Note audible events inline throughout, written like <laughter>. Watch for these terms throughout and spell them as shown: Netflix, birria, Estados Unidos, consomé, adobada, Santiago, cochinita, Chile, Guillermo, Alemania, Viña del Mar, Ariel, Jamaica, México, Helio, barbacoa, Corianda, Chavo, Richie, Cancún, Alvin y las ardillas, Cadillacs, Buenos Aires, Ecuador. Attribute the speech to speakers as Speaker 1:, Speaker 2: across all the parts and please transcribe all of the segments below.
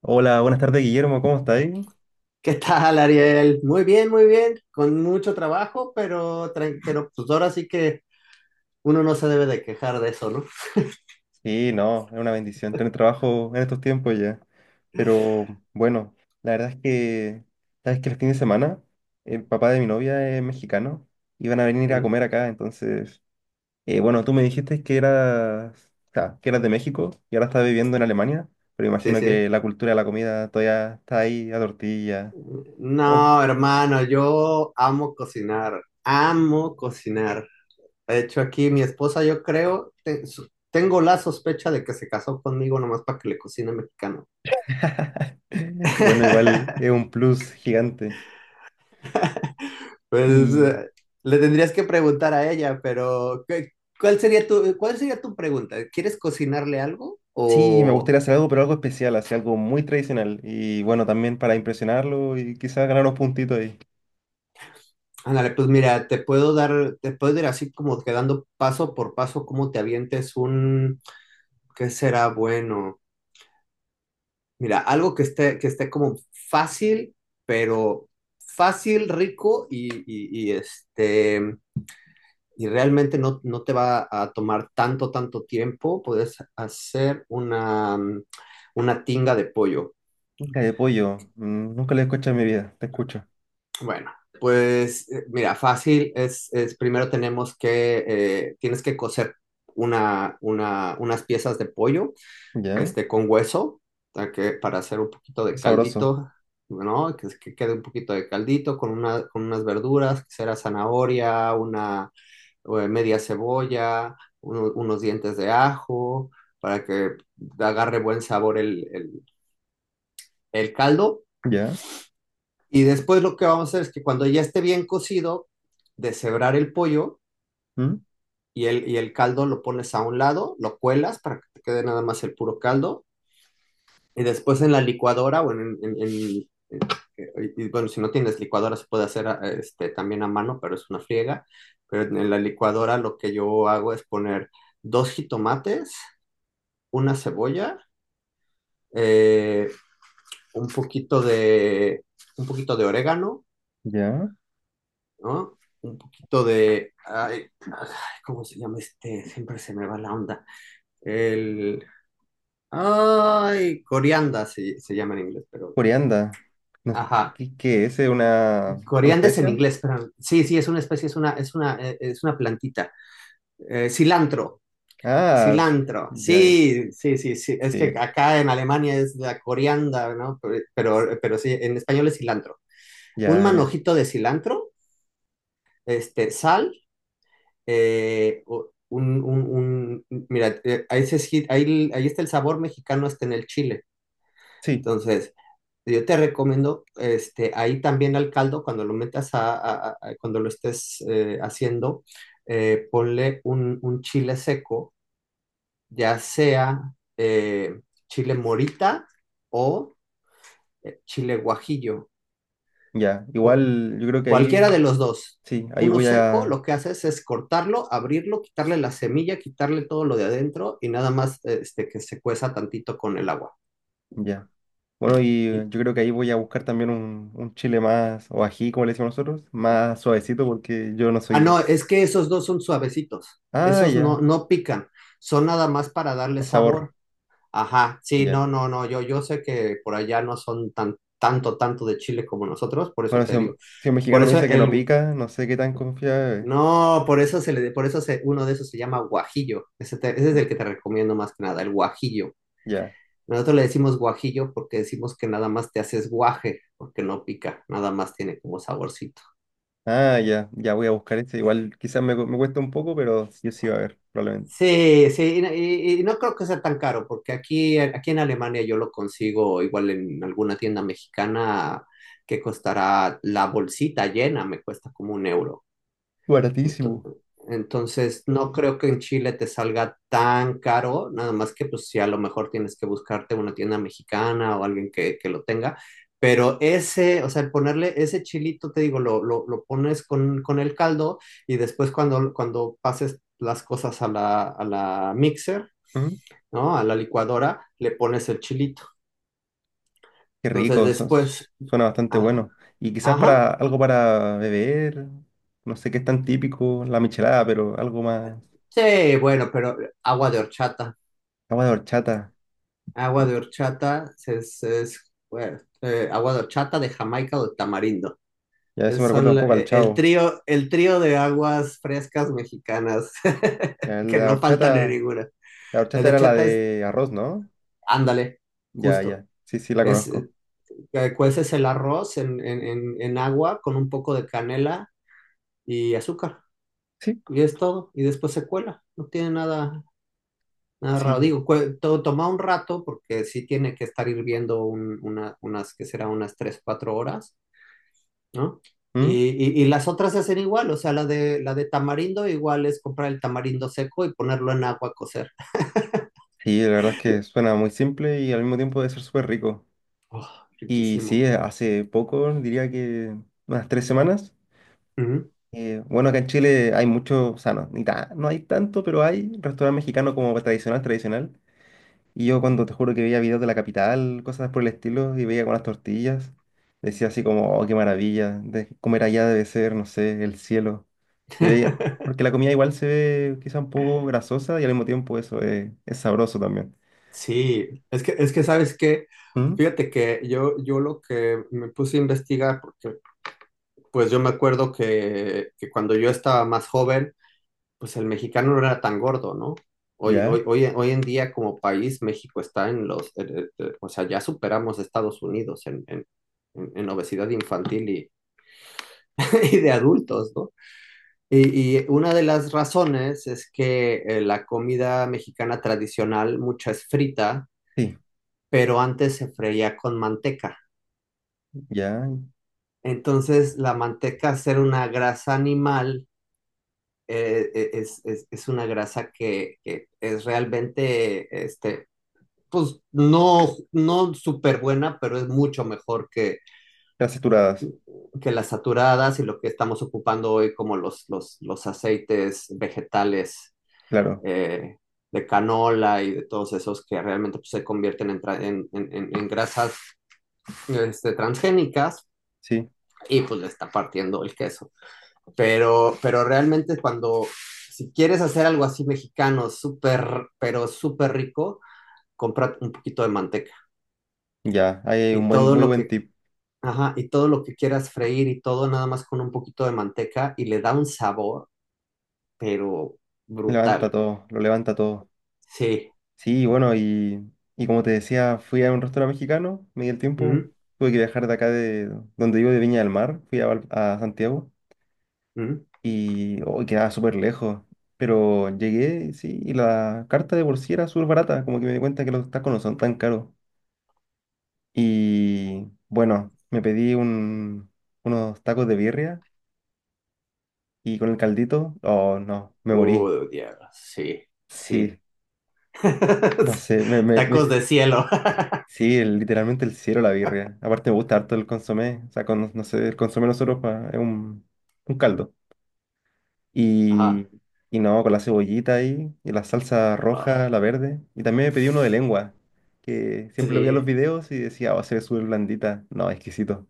Speaker 1: Hola, buenas tardes, Guillermo, ¿cómo estáis?
Speaker 2: ¿Qué tal, Ariel? Muy bien, con mucho trabajo, pero pues ahora sí que uno no se debe de quejar de eso, ¿no?
Speaker 1: Sí, no, es una bendición tener trabajo en estos tiempos ya. Pero bueno, la verdad es que, sabes que los fines de semana, el papá de mi novia es mexicano y van a venir a
Speaker 2: Mm.
Speaker 1: comer acá, entonces, bueno, tú me dijiste que eras, o sea, que eras de México y ahora estás viviendo en Alemania, pero
Speaker 2: Sí,
Speaker 1: imagino
Speaker 2: sí.
Speaker 1: que la cultura de la comida todavía está ahí a tortilla. Ok.
Speaker 2: No, hermano, yo amo cocinar, amo cocinar. De hecho, aquí mi esposa, yo creo, tengo la sospecha de que se casó conmigo nomás para que le cocine mexicano.
Speaker 1: <laughs> Bueno, igual es
Speaker 2: <laughs>
Speaker 1: un plus gigante.
Speaker 2: Pues
Speaker 1: Y
Speaker 2: le tendrías que preguntar a ella, pero ¿cuál sería tu pregunta? ¿Quieres cocinarle algo
Speaker 1: sí, me
Speaker 2: o...?
Speaker 1: gustaría hacer algo, pero algo especial, así algo muy tradicional. Y bueno, también para impresionarlo y quizás ganar unos puntitos ahí.
Speaker 2: Ándale, pues mira, te puedo ir así como quedando paso por paso cómo te avientes ¿qué será bueno? Mira, algo que esté como fácil, pero fácil, rico y realmente no te va a tomar tanto, tanto tiempo. Puedes hacer una tinga de pollo.
Speaker 1: Nunca de pollo, nunca lo he escuchado en mi vida, te escucho.
Speaker 2: Bueno, pues mira, fácil es primero tienes que coser unas piezas de pollo,
Speaker 1: Ya,
Speaker 2: con hueso, para hacer un poquito de
Speaker 1: sabroso.
Speaker 2: caldito, ¿no? Que quede un poquito de caldito con unas verduras, que será zanahoria, una media cebolla, unos dientes de ajo, para que agarre buen sabor el caldo.
Speaker 1: Ya,
Speaker 2: Y después lo que vamos a hacer es que cuando ya esté bien cocido, deshebrar el pollo
Speaker 1: ¿mm?
Speaker 2: y el caldo lo pones a un lado, lo cuelas para que te quede nada más el puro caldo. Y después en la licuadora o y, bueno, si no tienes licuadora se puede hacer también a mano, pero es una friega. Pero en la licuadora lo que yo hago es poner dos jitomates, una cebolla, eh, un poquito de, un poquito de orégano,
Speaker 1: Ya.
Speaker 2: ¿no? Un poquito de, ay, ay, ¿cómo se llama este? Siempre se me va la onda. El, ay, corianda se llama en inglés, pero,
Speaker 1: Corianda. No,
Speaker 2: ajá.
Speaker 1: ¿qué, qué es? ¿Es una
Speaker 2: Corianda es en
Speaker 1: especia?
Speaker 2: inglés, pero sí, sí, es una especie, es una plantita. Cilantro,
Speaker 1: Ah,
Speaker 2: cilantro,
Speaker 1: <laughs> ya, ya.
Speaker 2: sí, sí, sí, sí. Es que
Speaker 1: Sí,
Speaker 2: acá en Alemania es la corianda, ¿no? Pero sí, en español es cilantro. Un
Speaker 1: ya, ya.
Speaker 2: manojito de cilantro, sal, mira, ahí, se esgi- ahí, ahí está el sabor mexicano, está en el chile.
Speaker 1: Sí,
Speaker 2: Entonces, yo te recomiendo, ahí también al caldo, cuando lo metas cuando lo estés haciendo, ponle un chile seco, ya sea eh, chile morita o chile guajillo.
Speaker 1: ya. Igual yo creo que ahí,
Speaker 2: Cualquiera de los dos.
Speaker 1: sí, ahí
Speaker 2: Uno
Speaker 1: voy
Speaker 2: seco,
Speaker 1: a,
Speaker 2: lo que haces es cortarlo, abrirlo, quitarle la semilla, quitarle todo lo de adentro y nada más que se cueza tantito con el agua.
Speaker 1: ya. Bueno, y
Speaker 2: Y-
Speaker 1: yo creo que ahí voy a buscar también un chile más, o ají, como le decimos nosotros, más suavecito, porque yo no
Speaker 2: ah,
Speaker 1: soy.
Speaker 2: no, es que esos dos son suavecitos.
Speaker 1: Ah,
Speaker 2: Esos
Speaker 1: ya,
Speaker 2: no pican. Son nada más para darle
Speaker 1: el sabor,
Speaker 2: sabor. Ajá, sí,
Speaker 1: ya.
Speaker 2: no, no, no. Yo sé que por allá no son tanto de chile como nosotros, por eso
Speaker 1: Bueno, si
Speaker 2: te digo.
Speaker 1: un, si un
Speaker 2: Por
Speaker 1: mexicano me
Speaker 2: eso
Speaker 1: dice que no
Speaker 2: el,
Speaker 1: pica, no sé qué tan confiable
Speaker 2: no, por
Speaker 1: es.
Speaker 2: eso se le, por eso se, uno de esos se llama guajillo. Ese es el que te recomiendo más que nada, el guajillo.
Speaker 1: Ya.
Speaker 2: Nosotros le decimos guajillo porque decimos que nada más te haces guaje, porque no pica, nada más tiene como saborcito.
Speaker 1: Ah, ya, ya voy a buscar este. Igual quizás me, me cuesta un poco, pero yo sí va a ver, probablemente.
Speaker 2: Sí, sí, y no creo que sea tan caro, porque aquí en Alemania yo lo consigo igual en alguna tienda mexicana que costará la bolsita llena, me cuesta como un euro. Ento-
Speaker 1: Baratísimo.
Speaker 2: Entonces, no creo que en Chile te salga tan caro, nada más que pues si a lo mejor tienes que buscarte una tienda mexicana o alguien que lo tenga, pero ese, o sea, el ponerle ese chilito, te digo, lo pones con el caldo y después cuando pases las cosas a la mixer,
Speaker 1: Mm,
Speaker 2: ¿no? A la licuadora, le pones el chilito.
Speaker 1: qué
Speaker 2: Entonces,
Speaker 1: rico,
Speaker 2: después,
Speaker 1: suena bastante
Speaker 2: ah,
Speaker 1: bueno. Y quizás
Speaker 2: ajá,
Speaker 1: para algo para beber, no sé qué es tan típico, la michelada, pero algo más,
Speaker 2: sí, bueno, pero agua de horchata.
Speaker 1: agua de horchata.
Speaker 2: Agua de horchata agua de horchata de Jamaica o de tamarindo.
Speaker 1: Ya eso
Speaker 2: Es-
Speaker 1: me recuerda
Speaker 2: son
Speaker 1: un
Speaker 2: la-
Speaker 1: poco al Chavo.
Speaker 2: el trío de aguas frescas mexicanas <laughs>
Speaker 1: Ya,
Speaker 2: que no faltan en ninguna.
Speaker 1: la
Speaker 2: La
Speaker 1: horchata
Speaker 2: de
Speaker 1: era la
Speaker 2: horchata es,
Speaker 1: de arroz, ¿no?
Speaker 2: ándale,
Speaker 1: Ya,
Speaker 2: justo.
Speaker 1: ya. Sí, sí, la
Speaker 2: Es,
Speaker 1: conozco.
Speaker 2: eh, Cueces el arroz en agua con un poco de canela y azúcar.
Speaker 1: Sí,
Speaker 2: Y es todo. Y después se cuela. No tiene nada. Narrado,
Speaker 1: sí.
Speaker 2: digo, toma un rato porque sí tiene que estar hirviendo que será unas 3 4 horas, ¿no?
Speaker 1: ¿Mm?
Speaker 2: Y, y las otras se hacen igual, o sea, la de tamarindo igual es comprar el tamarindo seco y ponerlo en agua a cocer.
Speaker 1: Sí, la verdad es que suena muy simple y al mismo tiempo debe ser súper rico.
Speaker 2: Oh,
Speaker 1: Y sí,
Speaker 2: riquísimo.
Speaker 1: hace poco, diría que unas 3 semanas.
Speaker 2: Ujú.
Speaker 1: Bueno, acá en Chile hay mucho, o sea, no, ni ta- no hay tanto, pero hay restaurante mexicano como tradicional, tradicional. Y yo cuando te juro que veía videos de la capital, cosas por el estilo, y veía con las tortillas, decía así como, oh, qué maravilla, de comer allá debe ser, no sé, el cielo. Se
Speaker 2: <laughs>
Speaker 1: veía, porque la comida igual se ve quizá un poco grasosa y al mismo tiempo eso es sabroso también.
Speaker 2: Sí, es que, sabes que,
Speaker 1: ¿Mm?
Speaker 2: fíjate que yo lo que me puse a investigar, porque pues yo me acuerdo que cuando yo estaba más joven, pues el mexicano no era tan gordo, ¿no? Hoy, hoy,
Speaker 1: ¿Ya?
Speaker 2: hoy, hoy en día como país México está o sea, ya superamos a Estados Unidos en obesidad infantil <laughs> y de adultos, ¿no? Y una de las razones es que la comida mexicana tradicional, mucha es frita,
Speaker 1: Sí,
Speaker 2: pero antes se freía con manteca.
Speaker 1: ya.
Speaker 2: Entonces, la manteca, al ser una grasa animal, es una grasa que es realmente pues no súper buena, pero es mucho mejor que,
Speaker 1: Grasas saturadas,
Speaker 2: que las saturadas y lo que estamos ocupando hoy como los aceites vegetales
Speaker 1: claro,
Speaker 2: eh, de canola y de todos esos que realmente pues, se convierten en, tra- en grasas transgénicas
Speaker 1: sí,
Speaker 2: y pues le está partiendo el queso. Pero realmente cuando, si quieres hacer algo así mexicano, súper, pero súper rico, compra un poquito de manteca.
Speaker 1: ya. Ahí hay un
Speaker 2: y
Speaker 1: buen,
Speaker 2: todo
Speaker 1: muy
Speaker 2: lo
Speaker 1: buen
Speaker 2: que
Speaker 1: tip.
Speaker 2: Ajá, y todo lo que quieras freír y todo, nada más con un poquito de manteca y le da un sabor, pero
Speaker 1: Levanta
Speaker 2: brutal, güey.
Speaker 1: todo, lo levanta todo.
Speaker 2: Sí.
Speaker 1: Sí, bueno, y como te decía, fui a un restaurante mexicano, me di el tiempo,
Speaker 2: ¿Mm?
Speaker 1: tuve que viajar de acá de donde vivo, de Viña del Mar, fui a, a Santiago
Speaker 2: ¿Mm?
Speaker 1: y oh, quedaba súper lejos, pero llegué, sí, y la carta de por sí era súper barata, como que me di cuenta que los tacos no son tan caros. Y bueno, me pedí un, unos tacos de birria y con el caldito, oh no, me morí,
Speaker 2: Oh, diablo. Sí,
Speaker 1: sí,
Speaker 2: sí. <laughs>
Speaker 1: no sé,
Speaker 2: Tacos de cielo. <laughs>
Speaker 1: sí, el- literalmente el cielo, la birria. Aparte me gusta harto el consomé. O sea, con, no sé, el consomé nosotros es un caldo. Y,
Speaker 2: Ajá.
Speaker 1: y no, con la cebollita ahí, y la salsa roja, la
Speaker 2: Ah,
Speaker 1: verde. Y también me pedí uno de lengua, que siempre lo veía en los
Speaker 2: sí.
Speaker 1: videos y decía, oh, se ve súper blandita. No, exquisito.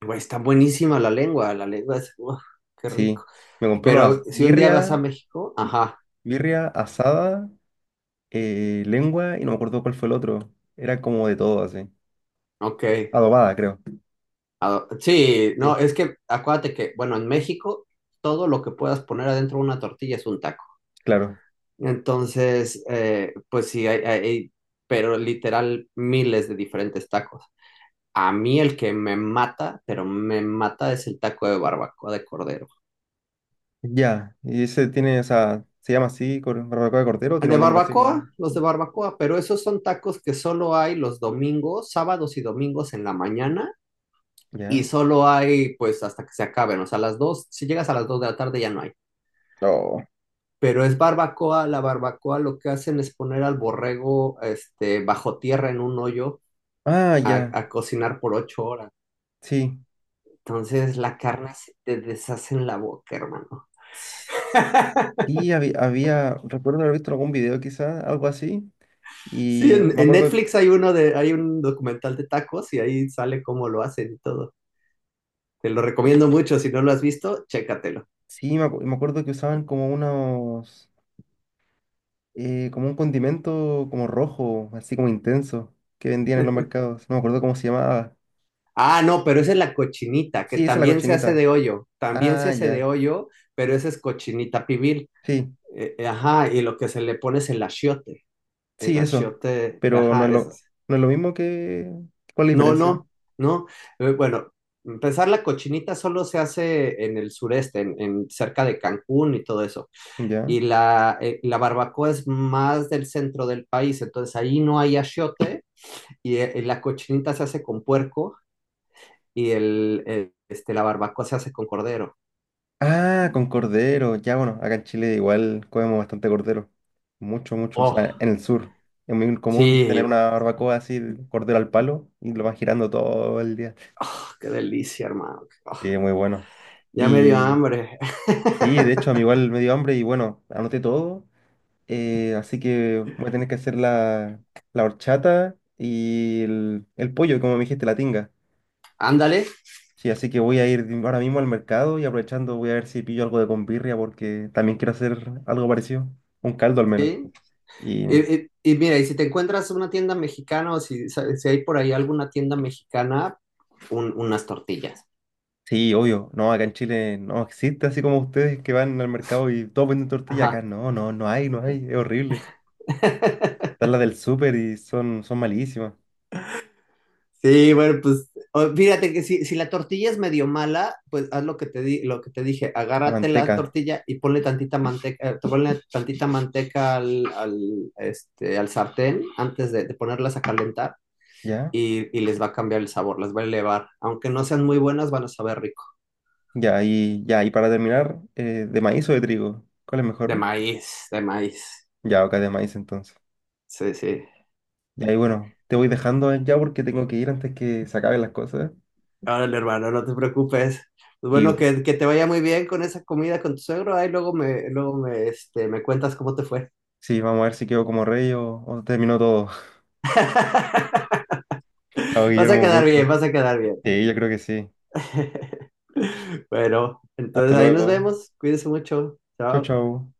Speaker 2: Güey, está buenísima la lengua es, uf, qué
Speaker 1: Sí,
Speaker 2: rico.
Speaker 1: me compré una
Speaker 2: Pero si un día vas a
Speaker 1: birria,
Speaker 2: México, ajá,
Speaker 1: birria asada, lengua, y no me acuerdo cuál fue el otro. Era como de todo así.
Speaker 2: ok.
Speaker 1: Adobada, creo.
Speaker 2: Ah, sí,
Speaker 1: Sí,
Speaker 2: no, es que acuérdate que, bueno, en México todo lo que puedas poner adentro de una tortilla es un taco.
Speaker 1: claro.
Speaker 2: Entonces, pues sí, pero literal miles de diferentes tacos. A mí el que me mata, pero me mata es el taco de barbacoa de cordero.
Speaker 1: Ya, y ese tiene, o sea, se llama así, barbacoa de cordero, tiene
Speaker 2: De
Speaker 1: un nombre así como.
Speaker 2: barbacoa, los de barbacoa, pero esos son tacos que solo hay los domingos, sábados y domingos en la mañana y
Speaker 1: Ya.
Speaker 2: solo hay pues hasta que se acaben, o sea, a las 2, si llegas a las 2 de la tarde ya no hay.
Speaker 1: No.
Speaker 2: Pero es barbacoa, la barbacoa lo que hacen es poner al borrego este, bajo tierra en un hoyo
Speaker 1: Ah,
Speaker 2: a
Speaker 1: ya,
Speaker 2: a cocinar por 8 horas.
Speaker 1: sí.
Speaker 2: Entonces la carne se te deshace en la boca, hermano. <laughs>
Speaker 1: Sí, había, había, recuerdo haber visto algún video quizás, algo así,
Speaker 2: Sí,
Speaker 1: y
Speaker 2: en,
Speaker 1: me
Speaker 2: en
Speaker 1: acuerdo que,
Speaker 2: Netflix hay uno de, hay un documental de tacos y ahí sale cómo lo hacen y todo. Te lo recomiendo mucho, si no lo has visto, chécatelo.
Speaker 1: sí, me, me acuerdo que usaban como unos, como un condimento como rojo, así como intenso, que vendían en los mercados, no me acuerdo cómo se llamaba.
Speaker 2: Ah, no, pero esa es la cochinita, que
Speaker 1: Sí, esa es la
Speaker 2: también se hace
Speaker 1: cochinita.
Speaker 2: de hoyo, también se
Speaker 1: Ah,
Speaker 2: hace de
Speaker 1: ya,
Speaker 2: hoyo, pero esa es cochinita pibil.
Speaker 1: sí,
Speaker 2: Ajá, y lo que se le pone es el
Speaker 1: sí, eso,
Speaker 2: achiote,
Speaker 1: pero no es
Speaker 2: ajá, eso
Speaker 1: lo,
Speaker 2: es.
Speaker 1: no es lo mismo que, ¿cuál es la
Speaker 2: No,
Speaker 1: diferencia?
Speaker 2: no, no. Bueno, empezar la cochinita solo se hace en el sureste, en cerca de Cancún y todo eso.
Speaker 1: Ya.
Speaker 2: Y la, la barbacoa es más del centro del país, entonces ahí no hay achiote y la cochinita se hace con puerco y la barbacoa se hace con cordero.
Speaker 1: Ah, con cordero. Ya, bueno, acá en Chile igual comemos bastante cordero. Mucho, mucho. O
Speaker 2: Oh,
Speaker 1: sea, en el sur es muy común tener
Speaker 2: sí,
Speaker 1: una barbacoa así, de cordero al palo, y lo van girando todo el día.
Speaker 2: qué delicia, hermano. Oh,
Speaker 1: Sí, muy bueno.
Speaker 2: ya me dio
Speaker 1: Y
Speaker 2: hambre.
Speaker 1: sí, de
Speaker 2: <laughs>
Speaker 1: hecho, a mí igual me dio hambre y bueno, anoté todo. Así que voy a tener que hacer la, la horchata y el pollo, como me dijiste, la tinga.
Speaker 2: Ándale,
Speaker 1: Sí, así que voy a ir ahora mismo al mercado y aprovechando voy a ver si pillo algo de convirria porque también quiero hacer algo parecido, un caldo al menos.
Speaker 2: sí.
Speaker 1: Y
Speaker 2: Y mira, y si te encuentras una tienda mexicana o si hay por ahí alguna tienda mexicana, unas tortillas.
Speaker 1: sí, obvio, no, acá en Chile no existe así como ustedes que van al mercado y todos venden tortilla, acá
Speaker 2: Ajá.
Speaker 1: no, no, no hay, no hay, es horrible.
Speaker 2: <laughs>
Speaker 1: Están las del súper y son, son malísimas.
Speaker 2: Sí, bueno, pues fíjate que si la tortilla es medio mala, pues haz lo que te di, lo que te dije,
Speaker 1: La
Speaker 2: agárrate la
Speaker 1: manteca,
Speaker 2: tortilla y ponle tantita manteca al sartén antes de ponerlas a calentar
Speaker 1: ¿ya?
Speaker 2: y les va a cambiar el sabor, las va a elevar. Aunque no sean muy buenas, van a saber rico.
Speaker 1: Ya, y ya, y para terminar, ¿de maíz o de trigo? ¿Cuál es
Speaker 2: De
Speaker 1: mejor?
Speaker 2: maíz, de maíz.
Speaker 1: Ya, acá de maíz entonces.
Speaker 2: Sí, sí.
Speaker 1: Ya, y ahí bueno, te voy dejando ya porque tengo que ir antes que se acaben las cosas.
Speaker 2: Órale, hermano, no te preocupes. Pues bueno,
Speaker 1: Y
Speaker 2: que te vaya muy bien con esa comida con tu suegro. Ahí me cuentas cómo te fue.
Speaker 1: sí, vamos a ver si quedó como rey o terminó todo. <laughs>
Speaker 2: <laughs>
Speaker 1: Chao,
Speaker 2: Vas a
Speaker 1: Guillermo, un
Speaker 2: quedar bien,
Speaker 1: gusto.
Speaker 2: vas a quedar bien.
Speaker 1: Sí, yo creo que sí.
Speaker 2: <laughs> Bueno,
Speaker 1: Hasta
Speaker 2: entonces ahí nos
Speaker 1: luego.
Speaker 2: vemos. Cuídense mucho.
Speaker 1: Chau,
Speaker 2: Chao.
Speaker 1: chau.